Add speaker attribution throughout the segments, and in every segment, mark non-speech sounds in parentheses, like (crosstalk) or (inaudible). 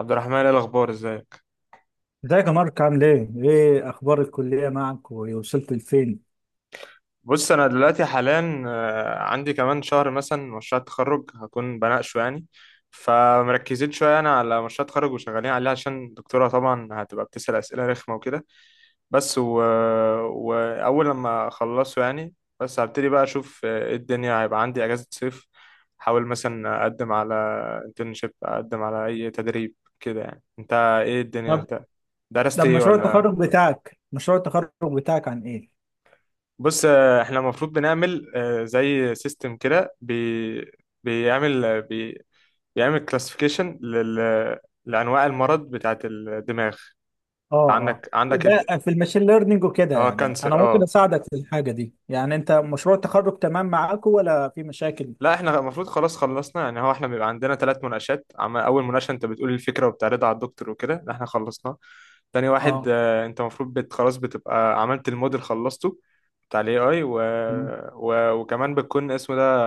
Speaker 1: عبد الرحمن ايه الاخبار، ازيك؟
Speaker 2: ازيك يا مارك، عامل ايه؟ ايه اخبار الكلية معك، ووصلت لفين؟
Speaker 1: بص انا دلوقتي حاليا عندي كمان شهر مثلا مشروع تخرج هكون بناقشه يعني. فمركزين شويه انا على مشروع تخرج وشغالين عليه عشان الدكتوره طبعا هتبقى بتسال اسئله رخمه وكده. بس و... واول لما اخلصه يعني بس هبتدي بقى اشوف، ايه الدنيا. هيبقى عندي اجازه صيف، احاول مثلا اقدم على انترنشيب، اقدم على اي تدريب كده يعني. انت ايه الدنيا؟
Speaker 2: طب
Speaker 1: انت درست
Speaker 2: طب
Speaker 1: ايه
Speaker 2: مشروع
Speaker 1: ولا؟
Speaker 2: التخرج بتاعك مشروع التخرج بتاعك عن ايه؟
Speaker 1: بص، احنا المفروض بنعمل زي سيستم كده بي بيعمل آه، بي بيعمل كلاسيفيكيشن لانواع المرض بتاعت الدماغ.
Speaker 2: اه، اه.
Speaker 1: عندك
Speaker 2: ده في الماشين ليرنينج وكده.
Speaker 1: اه
Speaker 2: يعني انا
Speaker 1: كانسر،
Speaker 2: ممكن
Speaker 1: اه.
Speaker 2: اساعدك في الحاجة دي. يعني انت مشروع التخرج تمام معاك ولا في مشاكل؟
Speaker 1: لا احنا المفروض خلاص خلصنا يعني. هو احنا بيبقى عندنا 3 مناقشات، اول مناقشه انت بتقول الفكره وبتعرضها على الدكتور وكده، ده احنا خلصناه. تاني واحد،
Speaker 2: اه.
Speaker 1: انت المفروض خلاص بتبقى عملت الموديل خلصته بتاع الاي اي
Speaker 2: تمام
Speaker 1: وكمان بتكون اسمه ده،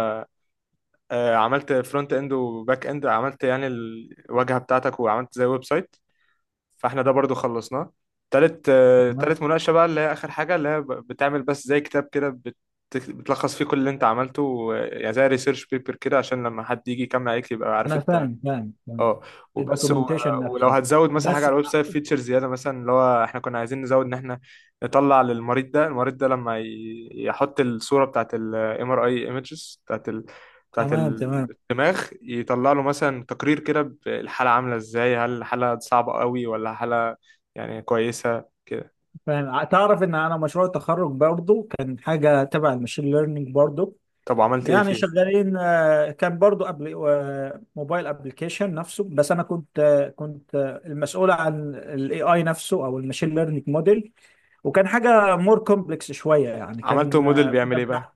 Speaker 1: عملت فرونت اند وباك اند، عملت يعني الواجهة بتاعتك وعملت زي ويب سايت. فاحنا ده برضو خلصناه. تالت،
Speaker 2: تمام
Speaker 1: تالت مناقشة بقى اللي هي آخر حاجة، اللي هي بتعمل بس زي كتاب كده، بتلخص فيه كل اللي انت عملته يعني زي ريسيرش بيبر كده، عشان لما حد يجي يكمل عليك يبقى عارف
Speaker 2: انا
Speaker 1: انت.
Speaker 2: فاهم.
Speaker 1: اه. وبس و...
Speaker 2: الدوكيومنتيشن
Speaker 1: ولو
Speaker 2: نفسه.
Speaker 1: هتزود مثلا حاجه
Speaker 2: بس.
Speaker 1: على الويب سايت فيتشر زياده، مثلا اللي هو احنا كنا عايزين نزود ان احنا نطلع للمريض. ده المريض ده لما ي... يحط الصوره بتاعت الام ار اي، ايمجز بتاعت
Speaker 2: تمام. تمام.
Speaker 1: الدماغ، يطلع له مثلا تقرير كده الحاله عامله ازاي، هل الحاله صعبه قوي ولا حاله يعني كويسه كده.
Speaker 2: فاهم. تعرف ان انا مشروع التخرج برضو كان حاجة تبع الماشين ليرنينج برضو.
Speaker 1: طب وعملت ايه
Speaker 2: يعني
Speaker 1: فيه؟
Speaker 2: شغالين، كان برضو قبل، موبايل ابلكيشن نفسه. بس انا كنت المسؤول عن الاي اي نفسه، او الماشين ليرنينج موديل. وكان حاجه مور كومبلكس شويه. يعني
Speaker 1: عملته
Speaker 2: كان
Speaker 1: موديل
Speaker 2: آه،
Speaker 1: بيعمل
Speaker 2: كنا
Speaker 1: ايه بقى؟
Speaker 2: بنع-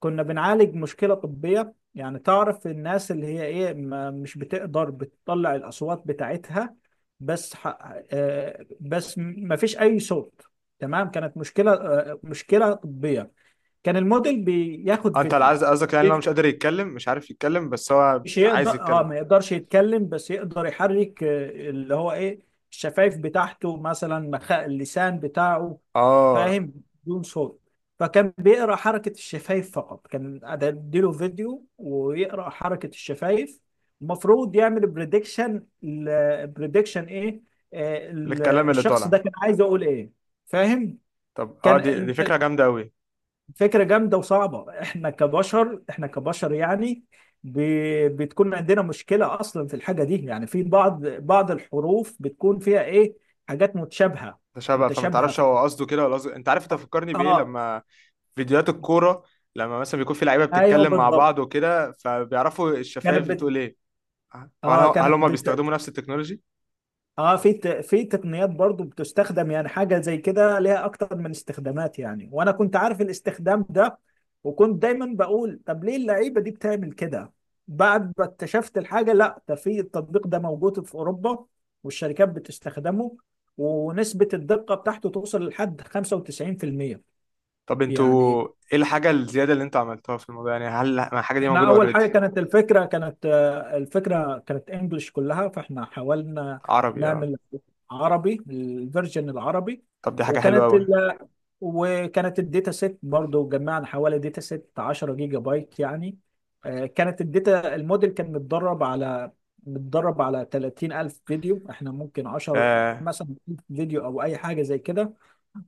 Speaker 2: كنا بنعالج مشكله طبيه. يعني تعرف الناس اللي هي ايه، مش بتقدر بتطلع الاصوات بتاعتها. بس ح- آه، بس ما فيش اي صوت. تمام، كانت مشكله طبيه. كان الموديل بياخد
Speaker 1: انت
Speaker 2: فيديو.
Speaker 1: عايز قصدك يعني إن هو مش قادر يتكلم، مش عارف يتكلم بس هو
Speaker 2: مش يقدر،
Speaker 1: عايز
Speaker 2: اه،
Speaker 1: يتكلم.
Speaker 2: ما يقدرش يتكلم، بس يقدر يحرك اللي هو ايه، الشفايف بتاعته، مثلا اللسان بتاعه.
Speaker 1: اه،
Speaker 2: فاهم، بدون صوت. فكان بيقرا حركة الشفايف فقط، كان اديله فيديو ويقرا حركة الشفايف. المفروض يعمل بريدكشن. بريدكشن ايه؟
Speaker 1: للكلام اللي
Speaker 2: الشخص ده
Speaker 1: طالع.
Speaker 2: كان عايز يقول ايه. فاهم.
Speaker 1: طب اه، دي
Speaker 2: كان
Speaker 1: دي فكره جامده قوي.
Speaker 2: فكرة جامدة وصعبة. احنا كبشر، احنا كبشر، يعني ب... بتكون عندنا مشكلة اصلا في الحاجة دي. يعني في بعض الحروف بتكون فيها ايه، حاجات متشابهة،
Speaker 1: ده شبه، فما
Speaker 2: متشابهة
Speaker 1: تعرفش
Speaker 2: في...
Speaker 1: هو قصده كده ولا قصده. انت عارف انت
Speaker 2: اه.
Speaker 1: فكرني بايه؟
Speaker 2: آه،
Speaker 1: لما فيديوهات الكوره لما مثلا بيكون في لعيبه
Speaker 2: ايوه
Speaker 1: بتتكلم مع
Speaker 2: بالضبط.
Speaker 1: بعض وكده فبيعرفوا
Speaker 2: كانت
Speaker 1: الشفايف
Speaker 2: بت...
Speaker 1: بتقول ايه. هل
Speaker 2: اه.
Speaker 1: هل هم بيستخدموا نفس التكنولوجي؟
Speaker 2: اه. في في تقنيات برضو بتستخدم، يعني حاجة زي كده ليها اكتر من استخدامات. يعني وانا كنت عارف الاستخدام ده، وكنت دايما بقول: طب ليه اللعيبة دي بتعمل كده؟ بعد ما اكتشفت الحاجة، لا ده في التطبيق ده موجود في اوروبا، والشركات بتستخدمه، ونسبة الدقة بتاعته توصل لحد 95%.
Speaker 1: طب
Speaker 2: يعني
Speaker 1: انتوا ايه الحاجه الزياده اللي انتوا عملتوها في الموضوع؟ يعني هل الحاجه دي
Speaker 2: احنا
Speaker 1: موجوده
Speaker 2: اول حاجه
Speaker 1: اوريدي؟
Speaker 2: كانت الفكره كانت آه، الفكره كانت انجلش كلها، فاحنا حاولنا
Speaker 1: عربي، اه.
Speaker 2: نعمل عربي، الفيرجن العربي.
Speaker 1: طب دي حاجه حلوه
Speaker 2: وكانت
Speaker 1: قوي.
Speaker 2: ال... وكانت الداتا سيت برضو، جمعنا حوالي داتا سيت 10 جيجا بايت يعني. آه، كانت الداتا الموديل كان متدرب على 30,000 فيديو. احنا ممكن 10
Speaker 1: آه،
Speaker 2: مثلا فيديو، او اي حاجه زي كده.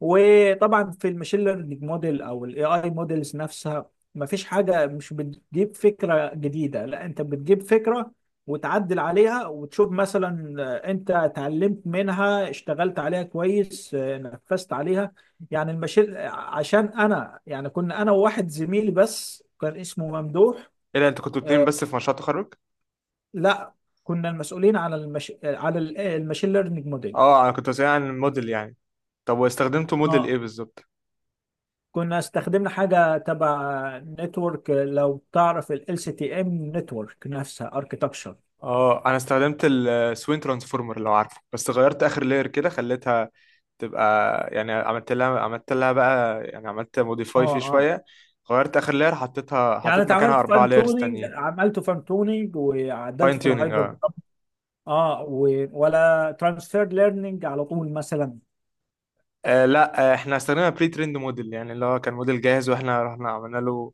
Speaker 2: وطبعا في الماشين ليرنينج موديل او الاي اي موديلز نفسها، مفيش حاجه مش بتجيب فكره جديده، لا، انت بتجيب فكره وتعدل عليها وتشوف، مثلا انت اتعلمت منها، اشتغلت عليها كويس، نفذت عليها. يعني الماشين آه، عشان انا، يعني كنا انا وواحد زميلي بس، كان اسمه ممدوح.
Speaker 1: ايه ده، انتوا كنتوا 2
Speaker 2: آه،
Speaker 1: بس في مشروع التخرج؟
Speaker 2: لا، كنا المسؤولين على المش... آه، على الماشين ليرنينج موديل.
Speaker 1: اه انا كنت بسأل عن الموديل يعني. طب واستخدمتوا موديل ايه بالظبط؟
Speaker 2: كنا استخدمنا حاجة تبع نتورك، لو تعرف ال LCTM، نتورك نفسها، اركيتكشر.
Speaker 1: اه انا استخدمت السوين ترانسفورمر لو عارفه، بس غيرت اخر لاير كده خليتها تبقى يعني، عملت لها بقى يعني عملت
Speaker 2: اه،
Speaker 1: موديفاي فيه
Speaker 2: اه.
Speaker 1: شويه. غيرت اخر لاير، حطيتها
Speaker 2: يعني
Speaker 1: حطيت
Speaker 2: انت
Speaker 1: مكانها اربع لايرز تانيين.
Speaker 2: عملته فان تونينج،
Speaker 1: فاين
Speaker 2: وعدلته في
Speaker 1: تيوننج،
Speaker 2: الهايبر.
Speaker 1: اه.
Speaker 2: اه، ولا ترانسفير ليرنينج على طول مثلا؟
Speaker 1: لا احنا استخدمنا بري تريند موديل يعني، اللي هو كان موديل جاهز واحنا رحنا عملنا له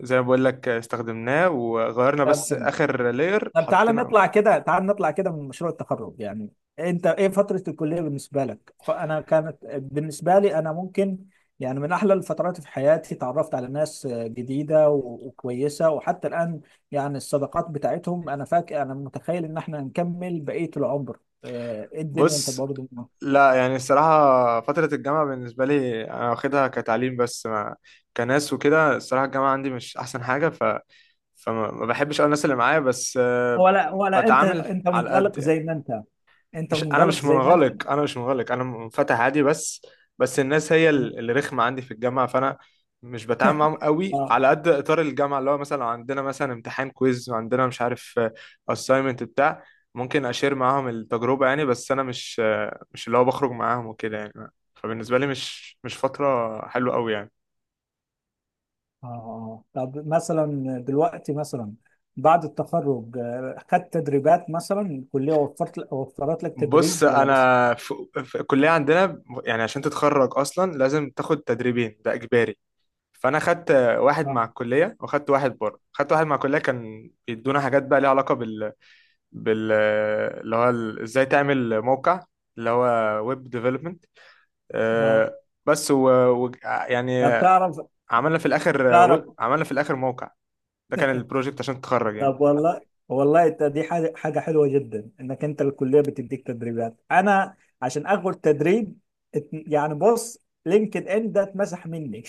Speaker 1: زي ما بقول لك، استخدمناه وغيرنا
Speaker 2: طب،
Speaker 1: بس
Speaker 2: تمام.
Speaker 1: اخر لاير
Speaker 2: طب تعالى
Speaker 1: حطينا.
Speaker 2: نطلع كده، من مشروع التخرج. يعني انت ايه فترة الكلية بالنسبة لك؟ فانا كانت بالنسبة لي انا ممكن، يعني من احلى الفترات في حياتي. تعرفت على ناس جديدة وكويسة، وحتى الان يعني الصداقات بتاعتهم، انا فاكر انا متخيل ان احنا نكمل بقية العمر. ايه الدنيا انت
Speaker 1: بص،
Speaker 2: برضه؟
Speaker 1: لا يعني الصراحة فترة الجامعة بالنسبة لي أنا واخدها كتعليم بس، ما كناس وكده. الصراحة الجامعة عندي مش أحسن حاجة، فما ما بحبش أوي الناس اللي معايا بس،
Speaker 2: ولا انت
Speaker 1: بتعامل
Speaker 2: انت
Speaker 1: على قد
Speaker 2: منغلق
Speaker 1: يعني.
Speaker 2: زي ما انت، انت
Speaker 1: مش انا
Speaker 2: منغلق
Speaker 1: مش
Speaker 2: زي ما انت
Speaker 1: منغلق، انا مش منغلق، انا منفتح عادي، بس بس الناس هي اللي رخمه عندي في الجامعه، فانا مش بتعامل معاهم قوي، على قد اطار الجامعه اللي هو مثلا لو عندنا مثلا امتحان كويز وعندنا مش عارف اساينمنت بتاع، ممكن اشير معاهم التجربه يعني، بس انا مش، مش اللي هو بخرج معاهم وكده يعني. فبالنسبه لي مش فتره حلوه قوي يعني.
Speaker 2: اه. طب مثلا دلوقتي، مثلا بعد التخرج خدت تدريبات؟ مثلا الكلية وفرت لك
Speaker 1: بص
Speaker 2: تدريب ولا لسه؟
Speaker 1: انا في, في الكليه عندنا يعني عشان تتخرج اصلا لازم تاخد تدريبين، ده اجباري. فانا خدت واحد مع
Speaker 2: اه،
Speaker 1: الكليه وخدت واحد بره. خدت واحد مع الكليه كان بيدونا حاجات بقى ليها علاقه بال اللي هو ازاي تعمل موقع، اللي هو ويب ديفلوبمنت.
Speaker 2: اه.
Speaker 1: بس و... و... يعني
Speaker 2: طب تعرف
Speaker 1: عملنا في
Speaker 2: تعرف
Speaker 1: عملنا في الاخر موقع. ده كان البروجكت عشان تتخرج يعني.
Speaker 2: طب والله انت، دي حاجة حلوة جدا انك انت الكلية بتديك تدريبات. انا عشان اخد تدريب، يعني بص، لينكد ان ده اتمسح مني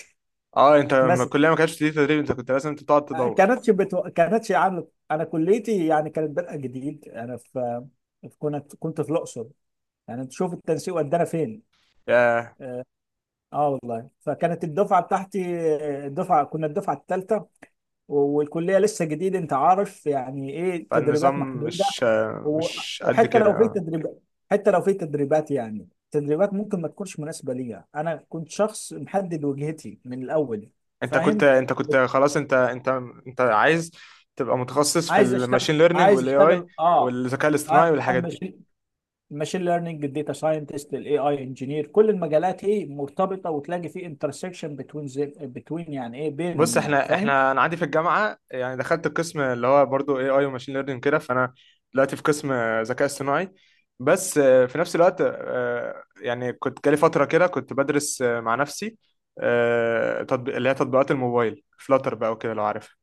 Speaker 1: اه
Speaker 2: (laughs)
Speaker 1: انت لما
Speaker 2: اتمسح.
Speaker 1: الكليه ما كانتش دي تدريب، انت كنت لازم تقعد تدور.
Speaker 2: كانتش عامله. انا كليتي يعني كانت بادئه جديد. انا في كنت في الاقصر. يعني انت شوف التنسيق ودانا فين.
Speaker 1: ياه.
Speaker 2: اه والله، فكانت الدفعه بتاعتي، كنا الدفعه الثالثه، والكليه لسه جديد. انت عارف يعني ايه،
Speaker 1: فالنظام
Speaker 2: تدريبات محدوده.
Speaker 1: مش،
Speaker 2: و-
Speaker 1: مش قد
Speaker 2: وحتى
Speaker 1: كده،
Speaker 2: لو في
Speaker 1: آه.
Speaker 2: تدريبات، يعني تدريبات ممكن ما تكونش مناسبه ليا. انا كنت شخص محدد وجهتي من الاول،
Speaker 1: انت كنت،
Speaker 2: فاهم.
Speaker 1: انت كنت خلاص، انت انت انت عايز تبقى متخصص في الماشين ليرنينج
Speaker 2: عايز
Speaker 1: والاي اي
Speaker 2: اشتغل، اه.
Speaker 1: والذكاء الاصطناعي
Speaker 2: انا
Speaker 1: والحاجات
Speaker 2: مش
Speaker 1: دي.
Speaker 2: الماشين ليرنينج، الداتا ساينتست، الاي اي انجينير، كل المجالات ايه مرتبطه، وتلاقي في انترسكشن بتوين، يعني ايه
Speaker 1: بص
Speaker 2: بينهم. يعني
Speaker 1: احنا،
Speaker 2: فاهم.
Speaker 1: انا عندي في الجامعه يعني دخلت القسم اللي هو برضو اي اي وماشين ليرنينج كده. فانا دلوقتي في قسم ذكاء اصطناعي، بس في نفس الوقت، يعني كنت جالي فتره كده كنت بدرس مع نفسي، تطبيق اللي هي تطبيقات الموبايل، فلاتر بقى وكده، لو عارفها.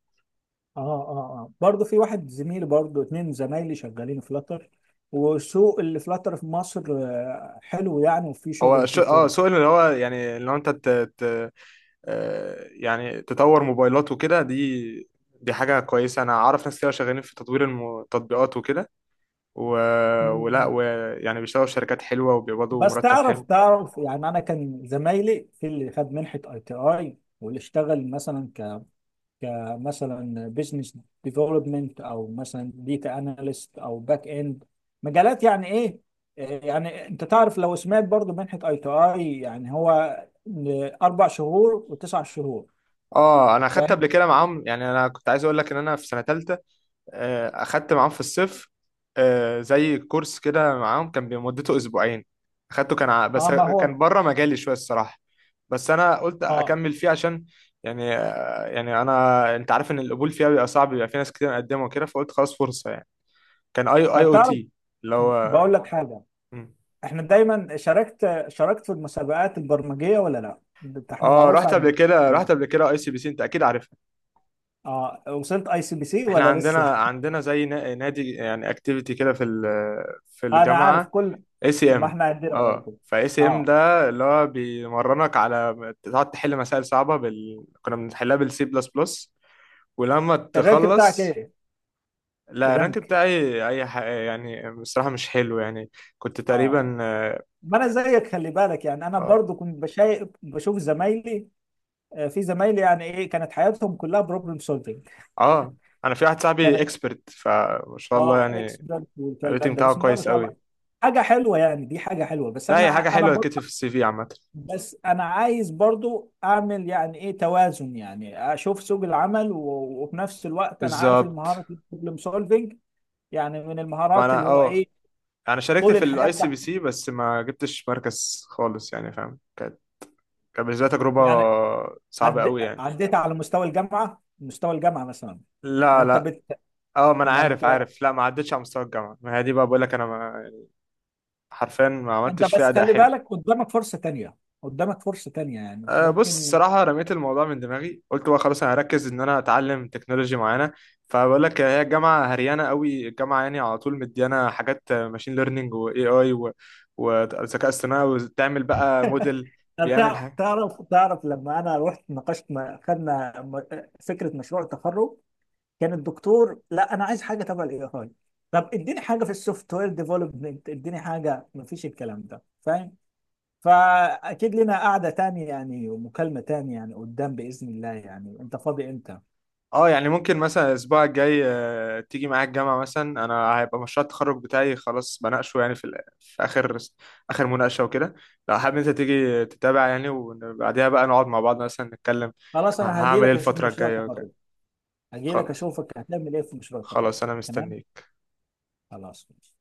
Speaker 2: اه، اه، اه. برضه في واحد زميلي، برضه اتنين زمايلي شغالين فلاتر. وسوق اللي فلاتر في مصر حلو يعني، وفي شغل وفي
Speaker 1: اه
Speaker 2: فرص.
Speaker 1: سوق اللي هو يعني اللي هو انت، يعني تطور موبايلات وكده. دي حاجة كويسة، أنا أعرف ناس كده شغالين في تطوير التطبيقات وكده و... ولا
Speaker 2: مم.
Speaker 1: ويعني بيشتغلوا في شركات حلوة وبيقبضوا
Speaker 2: بس
Speaker 1: مرتب
Speaker 2: تعرف
Speaker 1: حلو.
Speaker 2: تعرف يعني انا كان زمايلي في اللي خد منحه اي تي اي، واللي اشتغل مثلا كمثلا بزنس ديفلوبمنت، او مثلا ديتا اناليست، او باك اند. مجالات يعني ايه، يعني انت تعرف لو سمعت برضو منحة اي تو اي. يعني هو اربع شهور وتسع شهور.
Speaker 1: اه انا اخدت
Speaker 2: فاهم.
Speaker 1: قبل كده معاهم يعني، انا كنت عايز اقول لك ان انا في سنه ثالثه، اخدت معاهم في الصيف، زي كورس كده معاهم كان مدته أسبوعين. اخدته كان بس
Speaker 2: اه، ما هو،
Speaker 1: كان بره مجالي شويه الصراحه، بس انا قلت
Speaker 2: اه.
Speaker 1: اكمل فيه عشان يعني، يعني انا، انت عارف ان القبول فيها بيبقى صعب، بيبقى في ناس كتير مقدمه وكده، فقلت خلاص فرصه يعني. كان اي اي
Speaker 2: طب
Speaker 1: او
Speaker 2: تعرف،
Speaker 1: تي اللي هو،
Speaker 2: بقول لك حاجة.
Speaker 1: مم.
Speaker 2: احنا دايما شاركت في المسابقات البرمجية ولا لا؟ ده احنا
Speaker 1: اه
Speaker 2: معروف
Speaker 1: رحت قبل
Speaker 2: عندنا.
Speaker 1: كده، رحت قبل كده اي سي بي سي، انت اكيد عارفها.
Speaker 2: اه، وصلت اي سي بي سي
Speaker 1: احنا
Speaker 2: ولا
Speaker 1: عندنا،
Speaker 2: لسه (laughs)
Speaker 1: عندنا زي نادي يعني اكتيفيتي كده في في
Speaker 2: انا عارف
Speaker 1: الجامعه،
Speaker 2: كل.
Speaker 1: اي سي
Speaker 2: ما
Speaker 1: ام.
Speaker 2: احنا عندنا
Speaker 1: اه
Speaker 2: برضو.
Speaker 1: فاي سي ام
Speaker 2: اه،
Speaker 1: ده اللي هو بيمرنك على تقعد تحل مسائل صعبه كنا بنحلها بالسي بلس بلس ولما
Speaker 2: الرانك بتاعك
Speaker 1: تخلص.
Speaker 2: ايه؟
Speaker 1: لا الرانك
Speaker 2: الرانك.
Speaker 1: بتاعي يعني بصراحه مش حلو يعني. كنت
Speaker 2: اه.
Speaker 1: تقريبا اه,
Speaker 2: ما انا زيك، خلي بالك، يعني انا
Speaker 1: آه.
Speaker 2: برضو كنت بشوف زمايلي. في زمايلي يعني ايه، كانت حياتهم كلها بروبلم سولفنج.
Speaker 1: آه، انا في واحد صاحبي
Speaker 2: كانت.
Speaker 1: اكسبرت، فما شاء الله
Speaker 2: اه،
Speaker 1: يعني.
Speaker 2: اكسبرت
Speaker 1: الريتنج
Speaker 2: والكلام ده،
Speaker 1: بتاعه
Speaker 2: بسم الله ما
Speaker 1: كويس
Speaker 2: شاء
Speaker 1: قوي.
Speaker 2: الله. حاجه حلوه يعني، دي حاجه حلوه. بس
Speaker 1: لا هي حاجه
Speaker 2: انا انا
Speaker 1: حلوه،
Speaker 2: برضو
Speaker 1: تكتب في السي في عامه.
Speaker 2: بس انا عايز برضو اعمل، يعني ايه، توازن. يعني اشوف سوق العمل، وفي نفس الوقت انا عارف
Speaker 1: بالظبط.
Speaker 2: المهارات البروبلم سولفنج يعني من
Speaker 1: ما
Speaker 2: المهارات
Speaker 1: انا
Speaker 2: اللي هو
Speaker 1: اه،
Speaker 2: ايه،
Speaker 1: انا شاركت
Speaker 2: طول
Speaker 1: في
Speaker 2: الحياه
Speaker 1: الاي سي بي
Speaker 2: بتاعتي.
Speaker 1: سي بس ما جبتش مركز خالص يعني، فاهم، كانت، كان بالنسبة لي تجربة
Speaker 2: يعني
Speaker 1: صعبة قوي يعني.
Speaker 2: عديت على مستوى الجامعه، مستوى الجامعه مثلا. ما
Speaker 1: لا
Speaker 2: انت
Speaker 1: لا.
Speaker 2: بت...
Speaker 1: اه ما انا
Speaker 2: ما
Speaker 1: عارف،
Speaker 2: انت
Speaker 1: عارف. لا ما عدتش على مستوى الجامعة. ما هي دي بقى بقول لك، انا ما، حرفيا ما
Speaker 2: انت
Speaker 1: عملتش فيها
Speaker 2: بس
Speaker 1: اداء
Speaker 2: خلي
Speaker 1: حلو.
Speaker 2: بالك، قدامك فرصه تانية، قدامك فرصه تانية، يعني
Speaker 1: أه بص
Speaker 2: ممكن.
Speaker 1: الصراحة رميت الموضوع من دماغي. قلت بقى خلاص انا هركز ان انا اتعلم تكنولوجي معينة. فبقول لك هي الجامعة هريانة قوي، الجامعة يعني على طول مديانا حاجات ماشين ليرنينج واي اي وذكاء اصطناعي وتعمل بقى موديل
Speaker 2: هل
Speaker 1: بيعمل.
Speaker 2: تعرف لما انا رحت ناقشت، خدنا، فكره مشروع التخرج. كان الدكتور: لا، انا عايز حاجه تبع الاي اي. طب اديني حاجه في السوفت وير ديفلوبمنت، اديني حاجه. مفيش الكلام ده، فاهم. فاكيد لنا قعده تانية، يعني ومكالمه تانية يعني قدام، باذن الله. يعني انت فاضي امتى؟
Speaker 1: اه يعني ممكن مثلا الاسبوع الجاي، تيجي معايا الجامعه مثلا. انا هيبقى مشروع التخرج بتاعي خلاص بناقشه يعني في في اخر اخر مناقشه وكده، لو حابب انت تيجي تتابع يعني، وبعديها بقى نقعد مع بعض مثلا نتكلم
Speaker 2: خلاص، انا هجي
Speaker 1: هعمل ايه
Speaker 2: لك اشوف
Speaker 1: الفتره
Speaker 2: مشروع
Speaker 1: الجايه وكده.
Speaker 2: التخرج. هجي لك
Speaker 1: خلاص،
Speaker 2: اشوفك هتعمل ايه في مشروع التخرج.
Speaker 1: خلاص انا
Speaker 2: تمام.
Speaker 1: مستنيك.
Speaker 2: خلاص ماشي.